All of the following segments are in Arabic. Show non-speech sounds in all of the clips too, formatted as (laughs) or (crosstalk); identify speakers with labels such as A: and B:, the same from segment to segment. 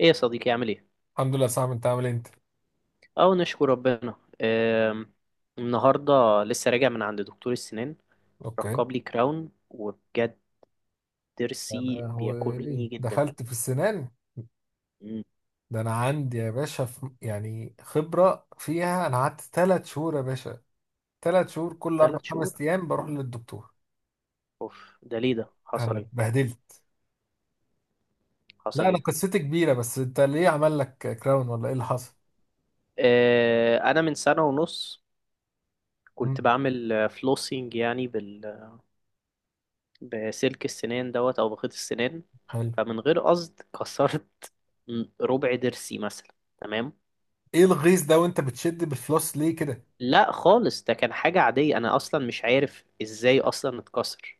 A: ايه يا صديقي عامل ايه؟
B: الحمد لله. صعب، انت عامل ايه انت؟
A: اه نشكر ربنا. آم، النهارده لسه راجع من عند دكتور السنان،
B: اوكي.
A: ركب لي كراون وبجد
B: انا
A: ضرسي
B: هو ايه،
A: بياكلني جدا.
B: دخلت في السنان؟
A: مم،
B: ده انا عندي يا باشا في يعني خبرة فيها، انا قعدت ثلاث شهور يا باشا، ثلاث شهور كل اربع
A: تلات شهور.
B: خمس ايام بروح للدكتور.
A: اوف، ده ليه ده؟ حصل
B: انا
A: ايه؟
B: اتبهدلت. لا
A: حصل
B: انا
A: ايه؟
B: قصتي كبيرة، بس انت ليه عمل لك كراون ولا ايه اللي حصل؟
A: انا من سنة ونص كنت
B: مم.
A: بعمل فلوسينج يعني بسلك السنان دوت او بخيط السنان.
B: حلو.
A: فمن غير قصد كسرت ربع ضرسي مثلا. تمام.
B: ايه الغيظ ده، وانت بتشد بالفلوس ليه كده؟
A: لا خالص، ده كان حاجة عادية، أنا أصلا مش عارف إزاي أصلا اتكسر.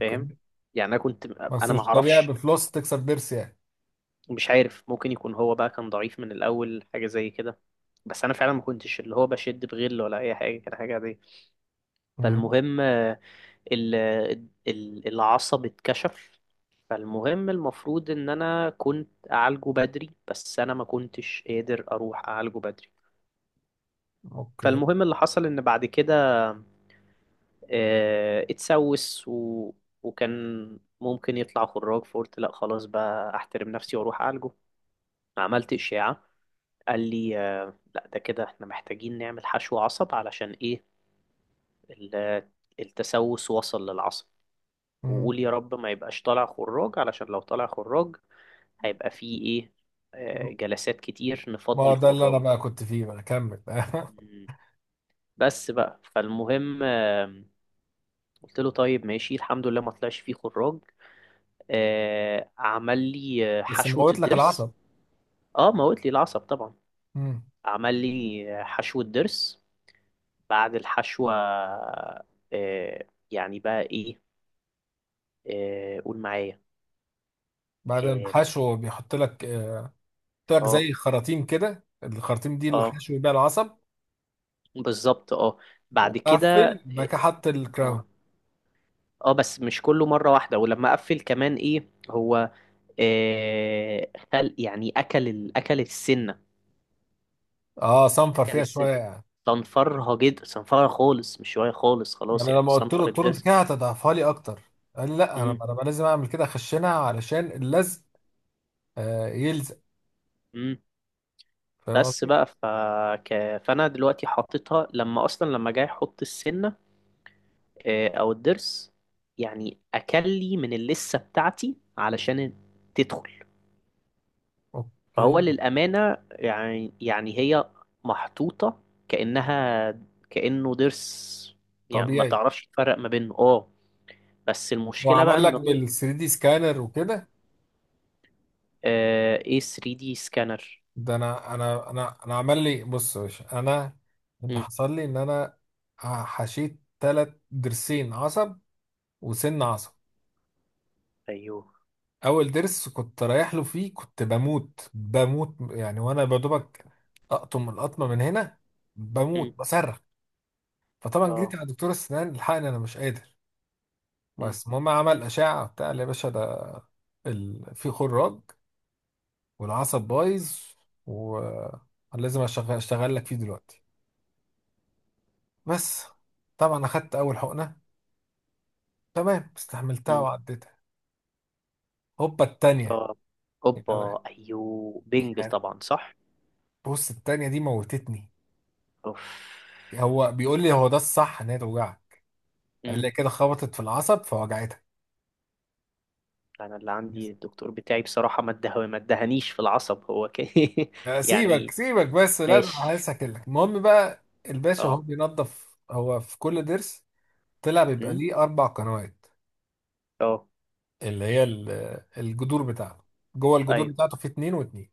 A: فاهم؟ يعني أنا كنت.
B: بس
A: أنا
B: مش طبيعي
A: معرفش،
B: بالفلوس تكسر ضرس يعني.
A: مش عارف، ممكن يكون هو بقى كان ضعيف من الأول، حاجة زي كده. بس أنا فعلا ما كنتش اللي هو بشد بغل ولا أي حاجة، كان حاجة عادية.
B: مم.
A: فالمهم ال- العصب اتكشف. فالمهم المفروض إن أنا كنت أعالجه بدري، بس أنا ما كنتش قادر أروح أعالجه بدري.
B: اوكي.
A: فالمهم اللي حصل إن بعد كده اتسوس وكان ممكن يطلع خراج، فقلت لا خلاص بقى احترم نفسي واروح اعالجه. عملت اشعه، قال لي لا ده كده احنا محتاجين نعمل حشو عصب علشان ايه، ال- التسوس وصل للعصب.
B: مم.
A: وقول يا رب ما يبقاش طالع خراج، علشان لو طالع خراج هيبقى فيه ايه، جلسات كتير
B: ما
A: نفضي
B: هو ده اللي
A: الخراج
B: انا
A: ده.
B: بقى كنت فيه بقى، كمل. (laughs)
A: مم. بس بقى فالمهم قلت له طيب ماشي، الحمد لله ما طلعش فيه خراج. عمل لي
B: بس
A: حشوة
B: موت لك
A: الضرس.
B: العصب.
A: اه موت لي العصب طبعا.
B: امم.
A: عمل لي حشوة ضرس. بعد الحشوة يعني بقى ايه، قول معايا.
B: بعدين
A: اه،
B: حشو بيحط لك، بيحط لك
A: اه،
B: زي خراطيم كده، الخراطيم دي اللي
A: آه،
B: حشو بيها العصب.
A: بالظبط، اه. بعد كده،
B: وقفل بعد كده حط الكراون.
A: اه، اه، بس مش كله مرة واحدة، ولما قفل كمان ايه هو خل يعني اكل السنة.
B: اه صنفر
A: اكل
B: فيها
A: السنة،
B: شويه يعني.
A: صنفرها جدا، صنفرها خالص، مش شوية خالص، خلاص
B: يعني
A: يعني
B: لما قلت له
A: صنفر
B: التورنت
A: الضرس.
B: كده هتضعفها لي اكتر، قال لي لا انا
A: مم.
B: انا بقى لازم اعمل كده، اخشنها علشان اللزق. آه يلزق.
A: مم.
B: فاهم
A: بس
B: قصدي؟
A: بقى فانا دلوقتي حطيتها، لما اصلا لما جاي احط السنه او الضرس، يعني اكلي من اللسه بتاعتي علشان تدخل. فهو
B: اوكي.
A: للامانه يعني يعني هي محطوطه كانها كانه ضرس، يعني ما
B: طبيعي.
A: تعرفش تفرق ما بينه. اه. بس المشكله بقى
B: وعمل لك
A: انه
B: بال 3 دي سكانر وكده؟
A: ايه 3 دي سكانر.
B: ده انا عمل لي، بص يا باشا، انا اللي
A: مم.
B: حصل لي ان انا حشيت تلات ضرسين عصب وسن عصب.
A: ايوه.
B: اول ضرس كنت رايح له فيه كنت بموت يعني، وانا بدوبك اقطم القطمه من هنا
A: مم.
B: بموت بصرخ. فطبعا جيت
A: اه.
B: على دكتور السنان لحقني انا مش قادر.
A: مم.
B: بس المهم عمل اشعه بتاع، قال لي يا باشا ده في خراج والعصب بايظ، ولازم اشتغل لك فيه دلوقتي. بس طبعا اخدت اول حقنه، تمام، استحملتها
A: مم.
B: وعديتها. هوبا التانية.
A: اه،
B: يعني
A: اوبا، ايوه، بينج
B: يعني
A: طبعا صح.
B: بص التانية دي موتتني.
A: اوف.
B: هو بيقول لي هو ده الصح ان هي توجعك. قال
A: امم.
B: لي كده خبطت في العصب فوجعتها.
A: انا اللي عندي
B: بس.
A: الدكتور بتاعي بصراحة ما اده ما ادهنيش في العصب، هو (laughs)
B: سيبك
A: يعني.
B: سيبك بس، لا ده انا
A: ماشي.
B: عايز اكلك. المهم بقى الباشا هو
A: اه.
B: بينظف، هو في كل ضرس طلع بيبقى
A: امم.
B: ليه اربع قنوات،
A: اه.
B: اللي هي الجذور بتاعته. جوه الجذور
A: ايوه.
B: بتاعته في اتنين واتنين.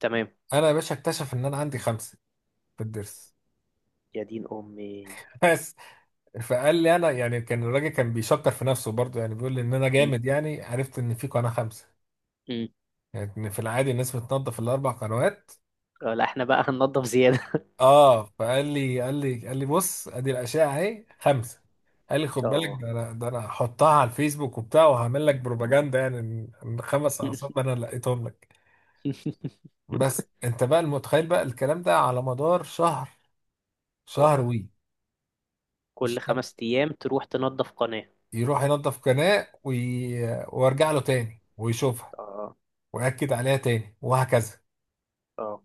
A: تمام.
B: انا يا باشا اكتشف ان انا عندي خمسه في الضرس.
A: يا دين امي.
B: (laughs) فقال لي، انا يعني كان الراجل كان بيشكر في نفسه برضه، يعني بيقول لي ان انا
A: امم.
B: جامد يعني عرفت ان في قناه خمسه.
A: امم.
B: يعني إن في العادي الناس بتنظف الاربع قنوات.
A: لا احنا بقى هننضف زيادة.
B: اه فقال لي قال لي بص ادي الاشعه اهي خمسه. قال لي
A: (laughs)
B: خد بالك،
A: اه.
B: ده انا هحطها على الفيسبوك وبتاع، وهعمل لك بروباجندا يعني إن خمس اعصاب انا لقيتهم لك. بس
A: (laughs)
B: انت بقى المتخيل بقى الكلام ده على مدار شهر،
A: اوف.
B: شهر
A: كل
B: مش كده.
A: خمس ايام تروح تنضف قناة.
B: يروح ينظف قناه وارجع له تاني ويشوفها،
A: اه.
B: واكد عليها تاني، وهكذا.
A: اه.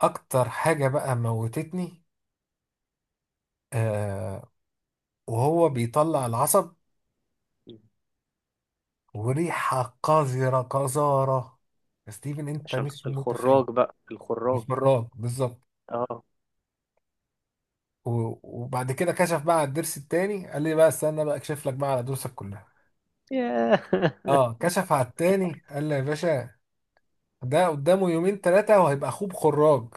B: اكتر حاجه بقى موتتني، آه وهو بيطلع العصب
A: مم.
B: وريحه قذره قذاره. يا ستيفن انت
A: عشان
B: مش
A: الخراج
B: متخيل،
A: بقى الخراج.
B: محمرات بالظبط.
A: اه.
B: وبعد كده كشف بقى على الضرس التاني، قال لي بقى استنى بقى اكشف لك بقى على ضروسك كلها.
A: ياه.
B: اه
A: (laughs)
B: كشف على التاني، قال لي يا باشا ده قدامه يومين ثلاثه وهيبقى اخوه بخراج.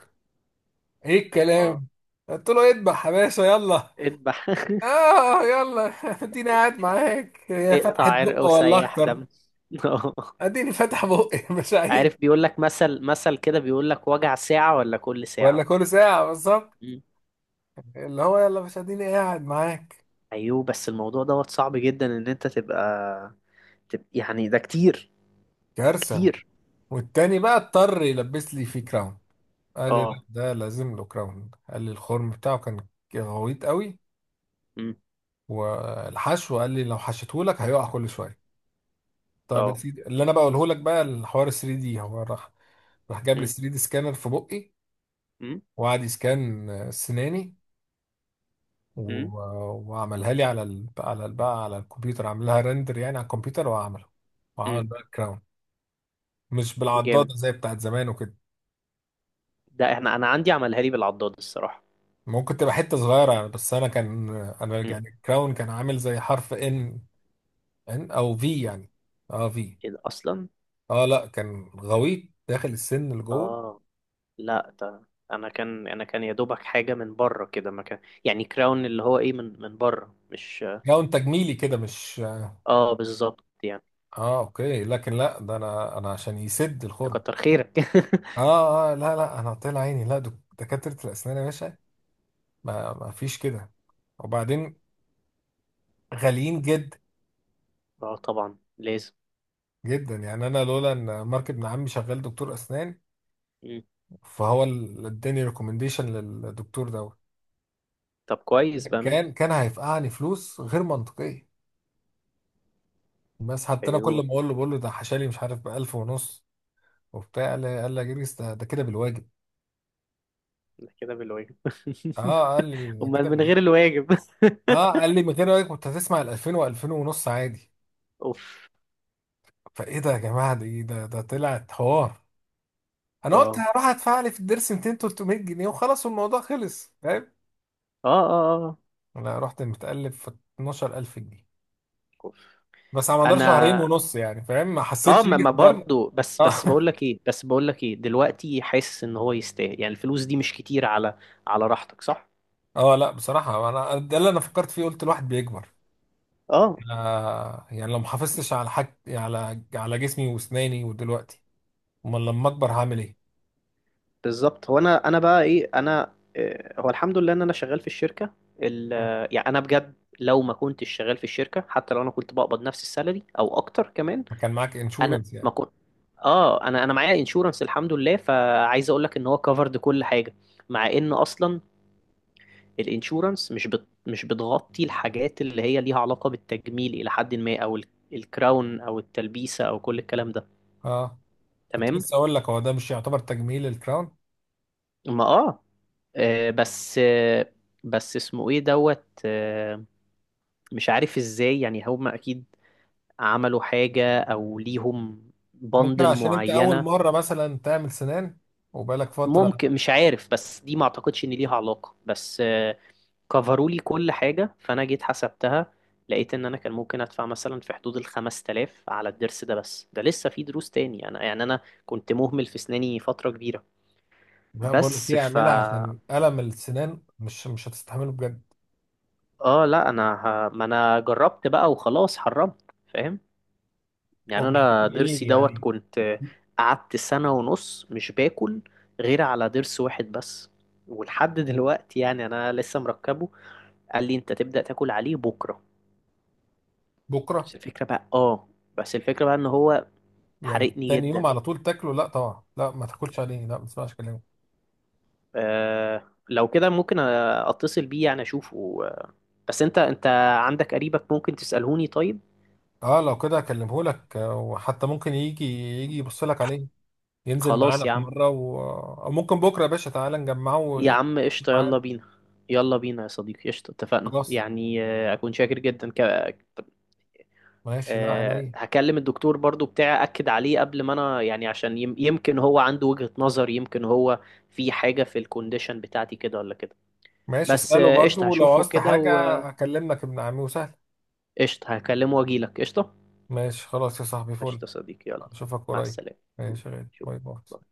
B: ايه
A: اه.
B: الكلام! قلت له اذبح يا باشا يلا.
A: اذبح. (laughs)
B: اه يلا (laughs) اديني قاعد معاك، هي
A: اقطع
B: فتحت
A: عرق
B: بق ولا
A: وسيح
B: اكتر.
A: دم. (laughs)
B: اديني فاتح بقي (laughs) مش عايز.
A: عارف بيقول لك مثل كده، بيقول لك وجع ساعة ولا كل ساعة.
B: ولا كل ساعة بالظبط.
A: مم.
B: اللي هو يلا، مش اديني قاعد معاك.
A: ايوه، بس الموضوع دوت صعب جدا ان انت تبقى يعني ده كتير،
B: كارثة.
A: كتير.
B: والتاني بقى اضطر يلبس لي فيه كراون. قال لي
A: اه.
B: لا ده لازم له كراون، قال لي الخرم بتاعه كان غويط قوي،
A: مم.
B: والحشو قال لي لو حشيته لك هيقع كل شوية. طب يا
A: اه.
B: سيدي اللي انا بقوله لك بقى، الحوار 3 دي، هو راح، راح جاب لي
A: أم،
B: 3 دي سكانر في بقي،
A: أم،
B: وقعد يسكان سناني،
A: أم،
B: وعملها لي على بقى على الكمبيوتر، عامل لها ريندر يعني على الكمبيوتر وعمله،
A: أم.
B: وعمل باك جراوند، مش
A: جامد،
B: بالعضاده زي بتاعت زمان وكده.
A: ده احنا انا عندي عملها لي بالعضاد الصراحة.
B: ممكن تبقى حته صغيره يعني، بس انا كان، انا
A: مم.
B: يعني الكراون كان عامل زي حرف ان، ان او في يعني، اه في.
A: ايه ده اصلا.
B: اه لا كان غويط داخل السن اللي جوه.
A: اه لا ده انا كان انا كان يا دوبك حاجة من بره كده، ما كان يعني كراون اللي هو ايه، من بره مش.
B: كراون تجميلي كده مش.
A: اه بالظبط يعني.
B: اه اوكي لكن لا ده انا عشان يسد الخرم.
A: تكتر خيرك.
B: اه اه لا لا انا طلع عيني، لا دكاتره الاسنان يا باشا، ما فيش كده. وبعدين غاليين جدا،
A: (laughs) اه طبعا لازم.
B: جدا يعني. انا لولا ان مارك ابن عمي شغال دكتور اسنان،
A: مم.
B: فهو اللي اداني ريكومنديشن للدكتور دوت،
A: طب كويس بقى منه.
B: كان هيفقعني فلوس غير منطقيه. بس حتى انا كل ما
A: ايوه
B: اقول له بقول له ده حشالي مش عارف ب 1000 ونص وبتاع، قال لي يا جريس ده كده بالواجب.
A: ده كده بالواجب.
B: اه قال لي
A: (laughs)
B: ده
A: امال
B: كده
A: من
B: بالواجب.
A: غير الواجب.
B: اه قال لي من غير واجب كنت هتسمع ال 2000 و2000 ونص عادي.
A: (laughs) اوف.
B: فايه ده يا جماعه، ده ايه ده طلعت حوار. انا قلت
A: اه
B: هروح ادفع لي في الدرس 200 300 جنيه وخلاص الموضوع خلص.
A: اه اه. اه.
B: انا رحت متقلب في 12,000 جنيه.
A: اوف.
B: بس على مدار
A: انا،
B: شهرين ونص يعني، فاهم، ما
A: اه،
B: حسيتش
A: ما
B: بيه
A: ما
B: بره.
A: برضو، بس بقول
B: اه
A: لك ايه، بس بقول لك ايه دلوقتي حاسس ان هو يستاهل، يعني الفلوس دي مش كتير على راحتك، صح.
B: (laughs) اه لا بصراحه انا ده اللي انا فكرت فيه، قلت الواحد بيكبر.
A: اه
B: يعني لو ما حافظتش على حاج، على على جسمي واسناني، ودلوقتي امال لما اكبر هعمل ايه.
A: بالظبط. هو انا بقى ايه، انا هو الحمد لله ان انا شغال في الشركه،
B: مم.
A: يعني انا بجد لو ما كنتش شغال في الشركه، حتى لو انا كنت بقبض نفس السالري او اكتر كمان.
B: ما كان معاك
A: انا
B: انشورنس
A: ما
B: يعني؟
A: كنت. اه انا معايا انشورنس الحمد لله، فعايز اقول لك ان هو كفرد كل حاجه، مع ان اصلا الانشورنس مش بتغطي الحاجات اللي هي ليها علاقه بالتجميل الى حد ما، او الكراون او التلبيسه او كل الكلام ده.
B: اه كنت
A: تمام.
B: لسه اقول لك، هو ده مش يعتبر تجميل الكراون؟
A: ما، اه، آه، بس آه، بس اسمه ايه دوت مش عارف ازاي، يعني هم اكيد عملوا حاجة او ليهم
B: ممكن
A: بندل
B: عشان انت اول
A: معينة.
B: مره مثلا تعمل سنان وبقالك فتره.
A: ممكن، مش عارف، بس دي ما اعتقدش ان ليها علاقة، بس كفروا لي كل حاجة، فانا جيت حسبتها، لقيت ان انا كان ممكن ادفع مثلا في حدود ال 5000 على الضرس ده، بس ده لسه في دروس تاني، انا يعني انا كنت مهمل في اسناني فترة كبيرة.
B: بقول لك
A: بس
B: ايه،
A: ف،
B: اعملها عشان الم السنان مش مش هتستحمله بجد.
A: اه لا انا ما انا جربت بقى وخلاص حرمت، فاهم؟ يعني
B: وبالليل
A: انا
B: ايه
A: ضرسي دوت
B: يعني؟
A: كنت قعدت سنة ونص مش باكل غير على ضرس واحد بس. ولحد دلوقتي يعني انا لسه مركبه. قال لي انت تبدأ تاكل عليه بكرة.
B: بكره
A: بس الفكرة بقى، اه، بس الفكرة بقى ان هو
B: يعني
A: حرقني
B: تاني يوم
A: جدا.
B: على طول تاكله؟ لا طبعا، لا ما تاكلش عليه، لا ما تسمعش كلامه.
A: آه لو كده ممكن اتصل بيه يعني اشوفه بس انت عندك قريبك ممكن تسألهوني طيب.
B: اه لو كده اكلمه لك، وحتى ممكن يجي يبص لك عليه، ينزل
A: خلاص
B: معانا
A: يا
B: في
A: عم.
B: مره او ممكن بكره يا باشا تعالى نجمعه
A: يا عم قشطة يلا
B: معانا.
A: بينا. يلا بينا يا صديقي قشطة، اتفقنا
B: خلاص.
A: يعني، أكون شاكر جدا
B: ماشي، لا عينيا.
A: هكلم الدكتور برضو بتاعي أكد عليه قبل ما أنا، يعني عشان يمكن هو عنده وجهة نظر، يمكن هو في حاجة في الكونديشن بتاعتي كده ولا كده.
B: ماشي
A: بس
B: اساله برضو،
A: قشطة
B: ولو
A: هشوفه
B: عوزت
A: كده
B: حاجه
A: وقشطة
B: اكلمك ابن عمي، وسهل.
A: هكلمه وأجيلك. قشطة.
B: ماشي خلاص يا صاحبي، فل.
A: قشطة صديقي يلا.
B: اشوفك
A: مع
B: قريب.
A: السلامة.
B: ماشي يا غالي. باي
A: شوف
B: باي.